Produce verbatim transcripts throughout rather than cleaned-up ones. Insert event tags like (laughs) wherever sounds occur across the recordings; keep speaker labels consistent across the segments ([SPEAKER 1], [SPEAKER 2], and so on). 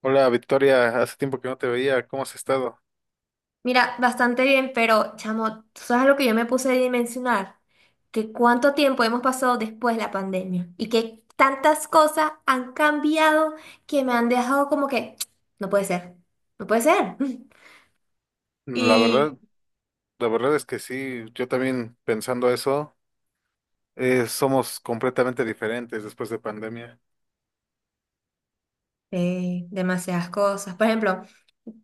[SPEAKER 1] Hola Victoria, hace tiempo que no te veía, ¿cómo has estado?
[SPEAKER 2] Mira, bastante bien, pero chamo, ¿tú sabes lo que yo me puse a dimensionar? Que cuánto tiempo hemos pasado después de la pandemia y que tantas cosas han cambiado que me han dejado como que, (tsk) no puede ser, no puede ser. (laughs)
[SPEAKER 1] La
[SPEAKER 2] Y
[SPEAKER 1] verdad, la verdad es que sí, yo también pensando eso, eh, somos completamente diferentes después de pandemia.
[SPEAKER 2] eh, demasiadas cosas. Por ejemplo,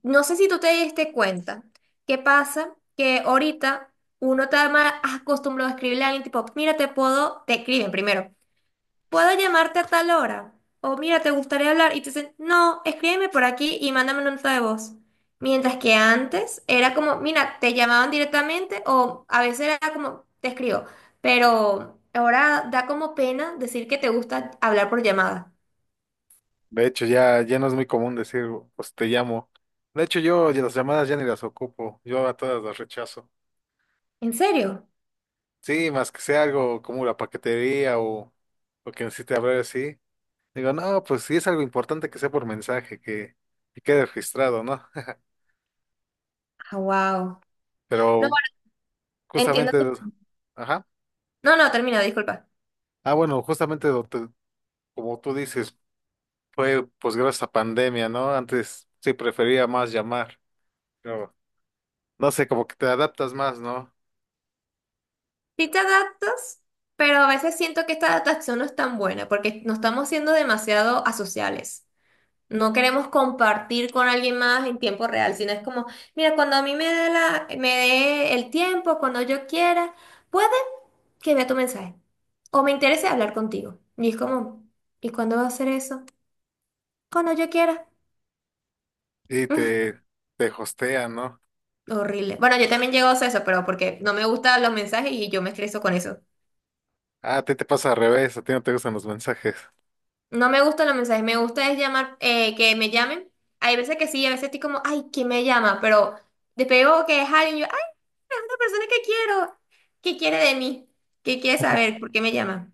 [SPEAKER 2] no sé si tú te diste cuenta qué pasa que ahorita uno está más acostumbrado a escribirle a alguien tipo, mira, te puedo, te escriben primero. ¿Puedo llamarte a tal hora? O mira, ¿te gustaría hablar? Y te dicen, no, escríbeme por aquí y mándame una nota de voz. Mientras que antes era como, mira, te llamaban directamente o a veces era como, te escribo. Pero ahora da como pena decir que te gusta hablar por llamada.
[SPEAKER 1] De hecho, ya, ya no es muy común decir, pues te llamo. De hecho, yo ya las llamadas ya ni las ocupo, yo a todas las rechazo.
[SPEAKER 2] ¿En serio?
[SPEAKER 1] Sí, más que sea algo como la paquetería o, o que necesite hablar así. Digo, no, pues sí es algo importante que sea por mensaje, que, que quede registrado, ¿no?
[SPEAKER 2] Ah, wow.
[SPEAKER 1] (laughs)
[SPEAKER 2] No,
[SPEAKER 1] Pero
[SPEAKER 2] bueno, entiendo
[SPEAKER 1] justamente,
[SPEAKER 2] que-
[SPEAKER 1] ajá.
[SPEAKER 2] No, no, termina, disculpa.
[SPEAKER 1] Ah, bueno, justamente lo te- como tú dices, fue pues gracias a pandemia, ¿no? Antes sí prefería más llamar, pero no sé, como que te adaptas más, ¿no?
[SPEAKER 2] Sí te adaptas, pero a veces siento que esta adaptación no es tan buena porque no estamos siendo demasiado asociales. No queremos compartir con alguien más en tiempo real, sino es como, mira, cuando a mí me dé la, me dé el tiempo, cuando yo quiera, puede que vea tu mensaje. O me interese hablar contigo. Y es como, ¿y cuándo va a hacer eso? Cuando yo quiera.
[SPEAKER 1] Y
[SPEAKER 2] (laughs)
[SPEAKER 1] te, te hostean, ¿no?
[SPEAKER 2] Horrible. Bueno, yo también llego a hacer eso, pero porque no me gustan los mensajes y yo me estreso con eso.
[SPEAKER 1] Ah, a ti te pasa al revés, a ti no te gustan los mensajes. (laughs)
[SPEAKER 2] No me gustan los mensajes, me gusta es llamar, eh, que me llamen. Hay veces que sí, a veces estoy como, ay, ¿quién me llama? Pero después veo que es alguien, yo, es una persona que quiero. ¿Qué quiere de mí? ¿Qué quiere saber? ¿Por qué me llama?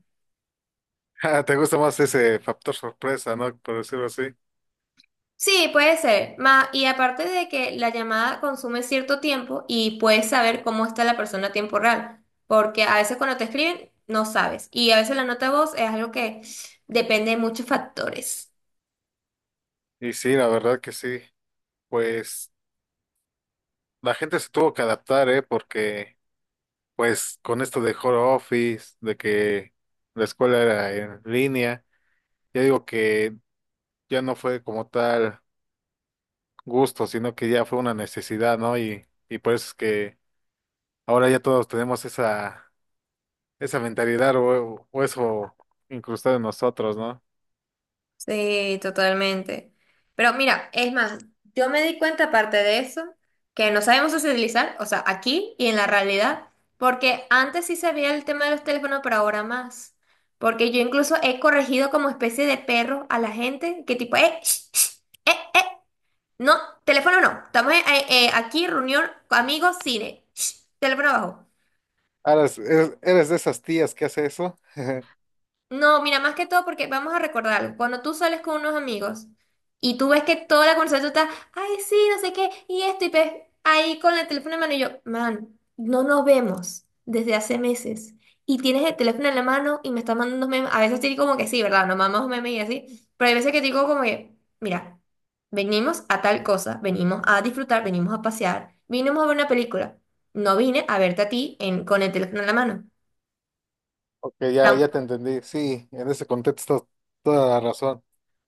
[SPEAKER 1] Ah, te gusta más ese factor sorpresa, ¿no? Por decirlo así.
[SPEAKER 2] Sí, puede ser. Ma- y aparte de que la llamada consume cierto tiempo y puedes saber cómo está la persona a tiempo real, porque a veces cuando te escriben no sabes y a veces la nota de voz es algo que depende de muchos factores.
[SPEAKER 1] Y sí, la verdad que sí. Pues la gente se tuvo que adaptar, ¿eh? Porque pues con esto de home office, de que la escuela era en línea. Yo digo que ya no fue como tal gusto, sino que ya fue una necesidad, ¿no? Y, y por eso es que ahora ya todos tenemos esa, esa mentalidad o, o eso incrustado en nosotros, ¿no?
[SPEAKER 2] Sí, totalmente. Pero mira, es más, yo me di cuenta aparte de eso, que no sabemos socializar, o sea, aquí y en la realidad, porque antes sí sabía el tema de los teléfonos, pero ahora más. Porque yo incluso he corregido como especie de perro a la gente, que tipo, eh, sh, sh, eh, eh, no, teléfono no, estamos eh, eh, aquí, reunión, amigos, cine, sh, teléfono abajo.
[SPEAKER 1] Ahora es- eres, eres de esas tías que hace eso. (laughs)
[SPEAKER 2] No, mira, más que todo porque vamos a recordar, cuando tú sales con unos amigos y tú ves que toda la conversación está, ay, sí, no sé qué, y esto, y ves ahí con el teléfono en mano y yo, man, no nos vemos desde hace meses y tienes el teléfono en la mano y me estás mandando unos memes, a veces te digo como que sí, ¿verdad? Nos mandamos memes y así, pero hay veces que te digo como que, mira, venimos a tal cosa, venimos a disfrutar, venimos a pasear, vinimos a ver una película, no vine a verte a ti en, con el teléfono en la mano.
[SPEAKER 1] Ok, ya,
[SPEAKER 2] Am-
[SPEAKER 1] ya te entendí. Sí, en ese contexto toda la razón.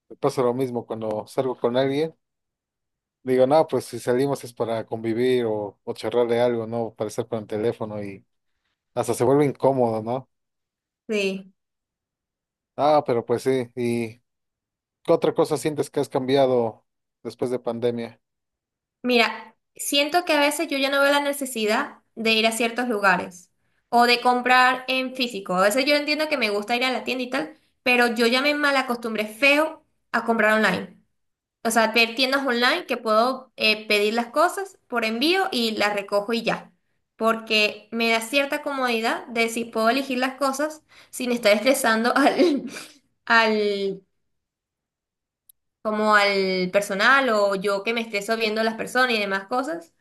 [SPEAKER 1] Me pasa lo mismo cuando salgo con alguien. Digo, no, pues si salimos es para convivir o, o charlar de algo, ¿no? Para estar con el teléfono y hasta se vuelve incómodo, ¿no?
[SPEAKER 2] Sí.
[SPEAKER 1] Ah, pero pues sí, y ¿qué otra cosa sientes que has cambiado después de pandemia?
[SPEAKER 2] Mira, siento que a veces yo ya no veo la necesidad de ir a ciertos lugares o de comprar en físico. A veces yo entiendo que me gusta ir a la tienda y tal, pero yo ya me malacostumbré feo a comprar online. O sea, ver tiendas online que puedo eh, pedir las cosas por envío y las recojo y ya. Porque me da cierta comodidad de si puedo elegir las cosas sin estar estresando al, (laughs) al, como al personal o yo que me estreso viendo las personas y demás cosas,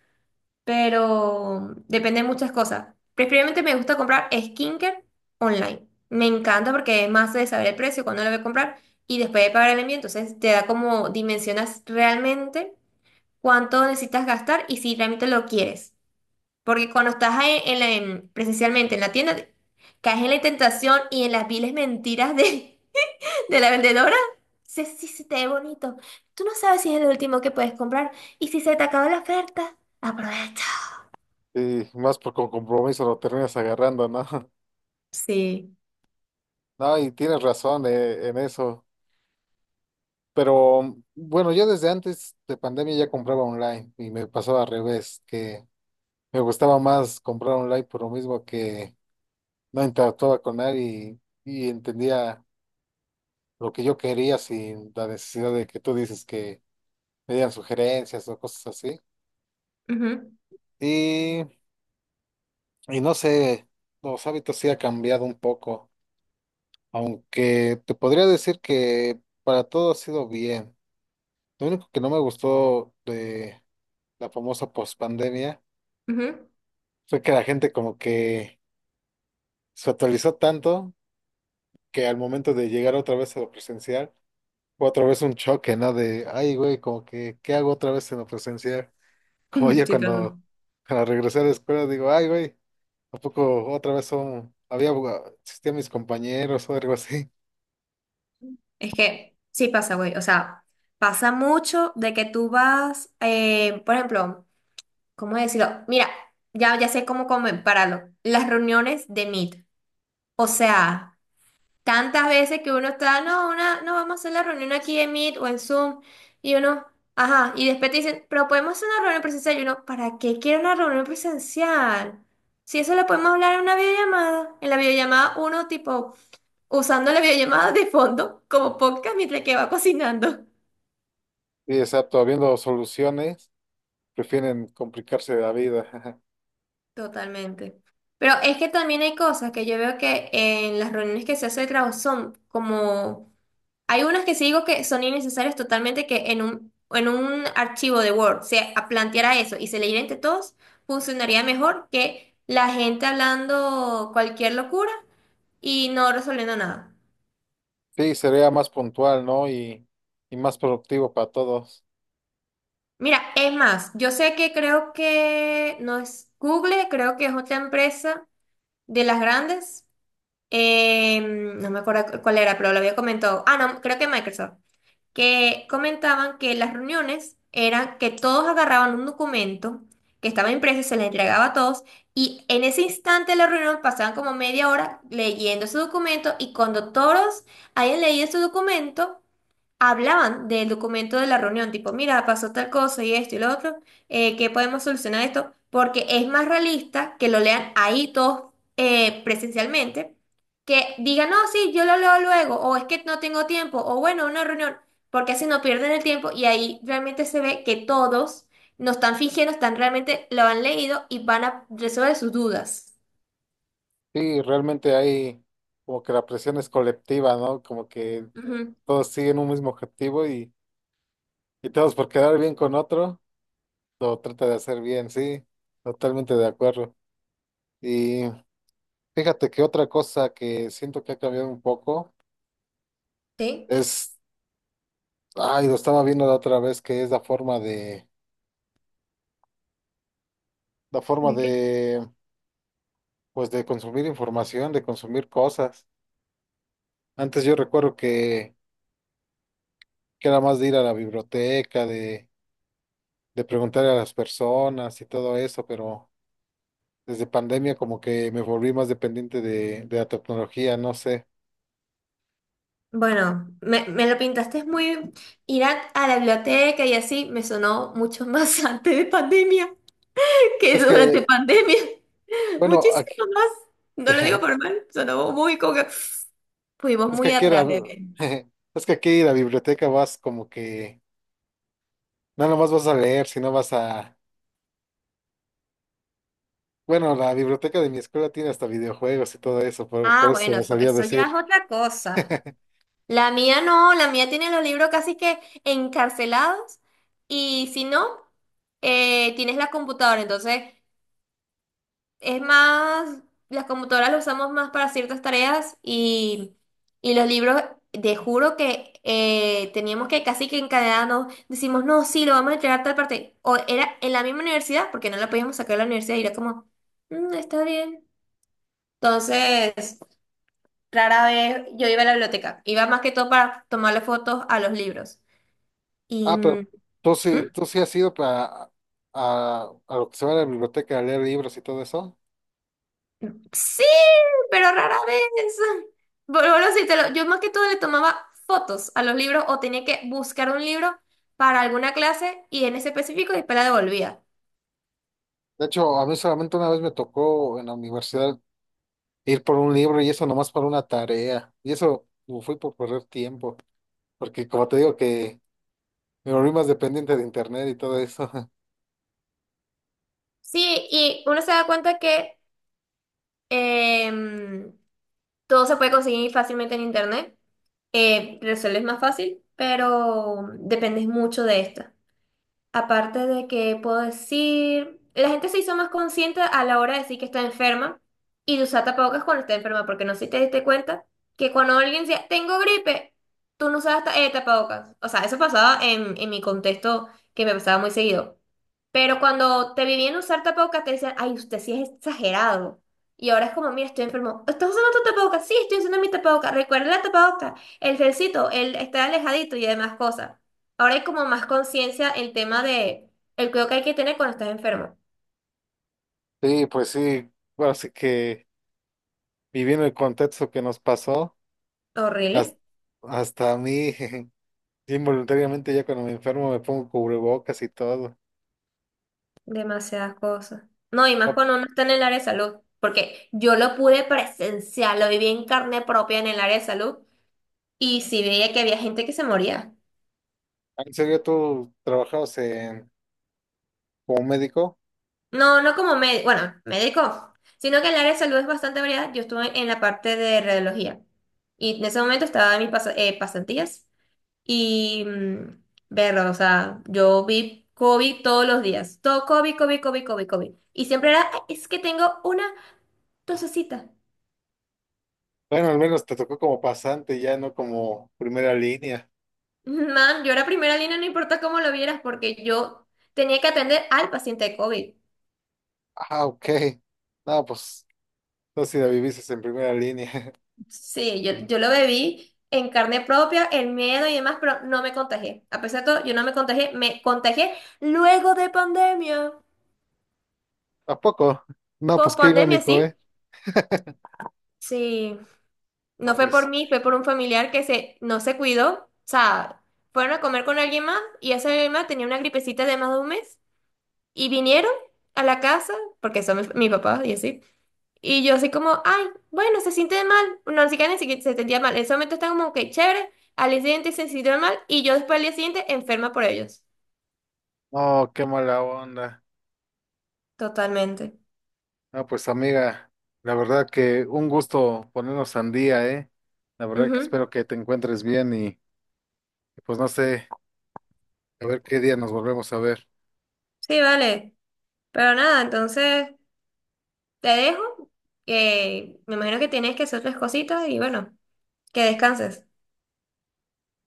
[SPEAKER 2] pero depende de muchas cosas. Preferiblemente me gusta comprar skincare online. Me encanta porque es más de saber el precio, cuándo lo voy a comprar y después de pagar el envío, entonces te da como dimensionas realmente cuánto necesitas gastar y si realmente lo quieres. Porque cuando estás ahí en la- en- presencialmente en la tienda, caes en la tentación y en las viles mentiras de, (laughs) de la vendedora. Sí, sí, sí, te ve bonito. Tú no sabes si es el último que puedes comprar y si se te acabó la oferta, aprovecha.
[SPEAKER 1] Y más por con compromiso lo terminas agarrando, ¿no? (laughs)
[SPEAKER 2] Sí.
[SPEAKER 1] No, y tienes razón eh, en eso. Pero bueno, yo desde antes de pandemia ya compraba online y me pasaba al revés, que me gustaba más comprar online por lo mismo que no interactuaba con nadie y, y entendía lo que yo quería sin la necesidad de que tú dices que me dieran sugerencias o cosas así.
[SPEAKER 2] Ujú,
[SPEAKER 1] Y, y no sé, los hábitos sí ha cambiado un poco. Aunque te podría decir que para todo ha sido bien. Lo único que no me gustó de la famosa pospandemia
[SPEAKER 2] ujú. (laughs)
[SPEAKER 1] fue que la gente como que se actualizó tanto que al momento de llegar otra vez a lo presencial fue otra vez un choque, ¿no? De, ay, güey, como que, ¿qué hago otra vez en lo presencial? (laughs) Como
[SPEAKER 2] Ujú,
[SPEAKER 1] ya
[SPEAKER 2] sí pasa.
[SPEAKER 1] cuando, cuando regresé a la escuela digo, ay, güey, ¿a poco otra vez son, había, existían mis compañeros o algo así?
[SPEAKER 2] Es que sí pasa, güey. O sea, pasa mucho de que tú vas, eh, por ejemplo, ¿cómo decirlo? Mira, ya, ya sé cómo compararlo. Las reuniones de Meet. O sea, tantas veces que uno está, no, una, no vamos a hacer la reunión aquí en Meet o en Zoom. Y uno, ajá. Y después te dicen, pero podemos hacer una reunión presencial. Y uno, ¿para qué quiero una reunión presencial? Si eso lo podemos hablar en una videollamada. En la videollamada uno tipo usando la videollamada de fondo como podcast mientras que va cocinando.
[SPEAKER 1] Y exacto, habiendo soluciones. Prefieren complicarse la vida. Ajá.
[SPEAKER 2] Totalmente. Pero es que también hay cosas que yo veo que en las reuniones que se hace de trabajo son como... Hay unas que sí digo que son innecesarias totalmente, que en un, en un archivo de Word se a- planteara eso y se leyera entre todos, funcionaría mejor que la gente hablando cualquier locura y no resolviendo nada.
[SPEAKER 1] Sí, sería más puntual, ¿no? Y, y más productivo para todos.
[SPEAKER 2] Mira, es más, yo sé que creo que no es Google, creo que es otra empresa de las grandes, eh, no me acuerdo cu- cuál era, pero lo había comentado. Ah, no, creo que Microsoft. Que comentaban que las reuniones eran que todos agarraban un documento que estaba impreso y se les entregaba a todos. Y en ese instante de la reunión pasaban como media hora leyendo ese documento. Y cuando todos hayan leído ese documento, hablaban del documento de la reunión, tipo, mira, pasó tal cosa y esto y lo otro, eh, ¿qué podemos solucionar esto? Porque es más realista que lo lean ahí todos eh, presencialmente, que digan, no, sí, yo lo leo luego, o es que no tengo tiempo, o bueno, una reunión, porque así no pierden el tiempo y ahí realmente se ve que todos no están fingiendo, están realmente lo han leído y van a resolver sus dudas.
[SPEAKER 1] Sí, realmente hay como que la presión es colectiva, ¿no? Como que
[SPEAKER 2] Ujú.
[SPEAKER 1] todos siguen un mismo objetivo y, y todos por quedar bien con otro, lo trata de hacer bien, sí, totalmente de acuerdo. Y fíjate que otra cosa que siento que ha cambiado un poco
[SPEAKER 2] ¿Sí?
[SPEAKER 1] es, ay, lo estaba viendo la otra vez, que es la forma de, la forma de, pues de consumir información, de consumir cosas. Antes yo recuerdo que, que era más de ir a la biblioteca, de, de preguntar a las personas y todo eso, pero desde pandemia como que me volví más dependiente de, de la tecnología, no sé.
[SPEAKER 2] Bueno, me, me lo pintaste muy ir a, a la biblioteca y así me sonó mucho más (laughs) antes de pandemia que
[SPEAKER 1] Es
[SPEAKER 2] durante
[SPEAKER 1] que,
[SPEAKER 2] pandemia. (laughs)
[SPEAKER 1] bueno,
[SPEAKER 2] Muchísimo
[SPEAKER 1] aquí,
[SPEAKER 2] más.
[SPEAKER 1] (laughs)
[SPEAKER 2] No lo
[SPEAKER 1] es
[SPEAKER 2] digo por mal, sonó muy como que fuimos
[SPEAKER 1] que
[SPEAKER 2] muy
[SPEAKER 1] aquí
[SPEAKER 2] atrás,
[SPEAKER 1] era,
[SPEAKER 2] bebé.
[SPEAKER 1] (laughs) es que aquí la biblioteca vas como que, no nomás vas a leer, sino vas a, bueno, la biblioteca de mi escuela tiene hasta videojuegos y todo eso, por,
[SPEAKER 2] Ah,
[SPEAKER 1] por eso
[SPEAKER 2] bueno,
[SPEAKER 1] me
[SPEAKER 2] eso,
[SPEAKER 1] salía a
[SPEAKER 2] eso ya
[SPEAKER 1] decir.
[SPEAKER 2] es otra cosa.
[SPEAKER 1] (laughs)
[SPEAKER 2] La mía no, la mía tiene los libros casi que encarcelados y si no, eh, tienes la computadora, entonces. Es más, las computadoras las usamos más para ciertas tareas, y, y los libros, te juro que eh, teníamos que casi que encadenarnos, decimos, no, sí, lo vamos a entregar a tal parte. O era en la misma universidad, porque no la podíamos sacar de la universidad y era como, "Mm, está bien". Entonces, rara vez yo iba a la biblioteca, iba más que todo para tomarle fotos a los libros. Y,
[SPEAKER 1] Ah, pero
[SPEAKER 2] mm,
[SPEAKER 1] tú sí, tú sí has ido para, a, a lo que se va a la biblioteca a leer libros y todo eso.
[SPEAKER 2] sí, pero rara vez. Bueno, bueno, sí, te lo- yo más que todo le tomaba fotos a los libros o tenía que buscar un libro para alguna clase y en ese específico después la devolvía.
[SPEAKER 1] De hecho, a mí solamente una vez me tocó en la universidad ir por un libro y eso nomás para una tarea. Y eso fue por perder tiempo, porque como te digo que me volví más dependiente de internet y todo eso. (laughs)
[SPEAKER 2] Sí, y uno se da cuenta que em, todo se puede conseguir fácilmente en internet. Eh, resuelves más fácil, pero dependes mucho de esto. Aparte de que puedo decir, la gente se hizo más consciente a la hora de decir que está enferma y de usar tapabocas cuando está enferma, porque no sé si te diste cuenta que cuando alguien decía, tengo gripe, tú no usabas ta- eh, tapabocas. O sea, eso pasaba en, en mi contexto, que me pasaba muy seguido. Pero cuando te vivían usar tapabocas, te decían, ay, usted sí es exagerado. Y ahora es como, mira, estoy enfermo. ¿Estás usando tu tapabocas? Sí, estoy usando mi tapabocas. Recuerda la tapabocas, el gelcito, el estar alejadito y demás cosas. Ahora hay como más conciencia el tema de el cuidado que hay que tener cuando estás enfermo.
[SPEAKER 1] Sí, pues sí, bueno, así que viviendo el contexto que nos pasó, hasta,
[SPEAKER 2] Horrible.
[SPEAKER 1] hasta a mí, (laughs) involuntariamente ya cuando me enfermo me pongo cubrebocas y todo.
[SPEAKER 2] Demasiadas cosas. No, y más cuando uno está en el área de salud. Porque yo lo pude presenciar, lo viví en carne propia en el área de salud. Y sí veía que había gente que se moría.
[SPEAKER 1] ¿En serio tú trabajabas en, como médico?
[SPEAKER 2] No, no como médico, bueno, médico, sino que el área de salud es bastante variada. Yo estuve en la parte de radiología. Y en ese momento estaba en mis pas- eh, pasantías. Y mm, verlo, o sea, yo vi COVID todos los días. Todo COVID, COVID, COVID, COVID, COVID. Y siempre era, "Ay, es que tengo una tosecita". (laughs)
[SPEAKER 1] Bueno, al menos te tocó como pasante, ya no como primera línea.
[SPEAKER 2] Man, yo era primera línea, no importa cómo lo vieras, porque yo tenía que atender al paciente de COVID.
[SPEAKER 1] Ah, ok. No, pues, no si la viviste en primera línea. (laughs)
[SPEAKER 2] Sí, yo, yo lo bebí en carne propia, el miedo y demás, pero no me contagié. A pesar de todo, yo no me contagié, me contagié luego de pandemia.
[SPEAKER 1] ¿A poco? No, pues
[SPEAKER 2] Post
[SPEAKER 1] qué
[SPEAKER 2] pandemia,
[SPEAKER 1] irónico,
[SPEAKER 2] sí.
[SPEAKER 1] ¿eh? (laughs)
[SPEAKER 2] Sí. No
[SPEAKER 1] No,
[SPEAKER 2] fue
[SPEAKER 1] pues,
[SPEAKER 2] por mí, fue por un familiar que se, no se cuidó. O sea, fueron a comer con alguien más y ese alguien más tenía una gripecita de más de un mes y vinieron a la casa, porque son mis, mis papás y así. Y yo así como, ay, bueno, se siente mal. No, ni siquiera ni siquiera se sentía mal. En ese momento está como que chévere. Al día siguiente se sintió mal y yo después al día siguiente enferma por ellos.
[SPEAKER 1] no, qué mala onda.
[SPEAKER 2] Totalmente.
[SPEAKER 1] No, pues amiga, la verdad que un gusto ponernos al día, ¿eh? La verdad que
[SPEAKER 2] Ujú.
[SPEAKER 1] espero que te encuentres bien y pues no sé, a ver qué día nos volvemos a ver.
[SPEAKER 2] Sí, vale. Pero nada, entonces te dejo. Que me imagino que tienes que hacer otras cositas y bueno, que descanses.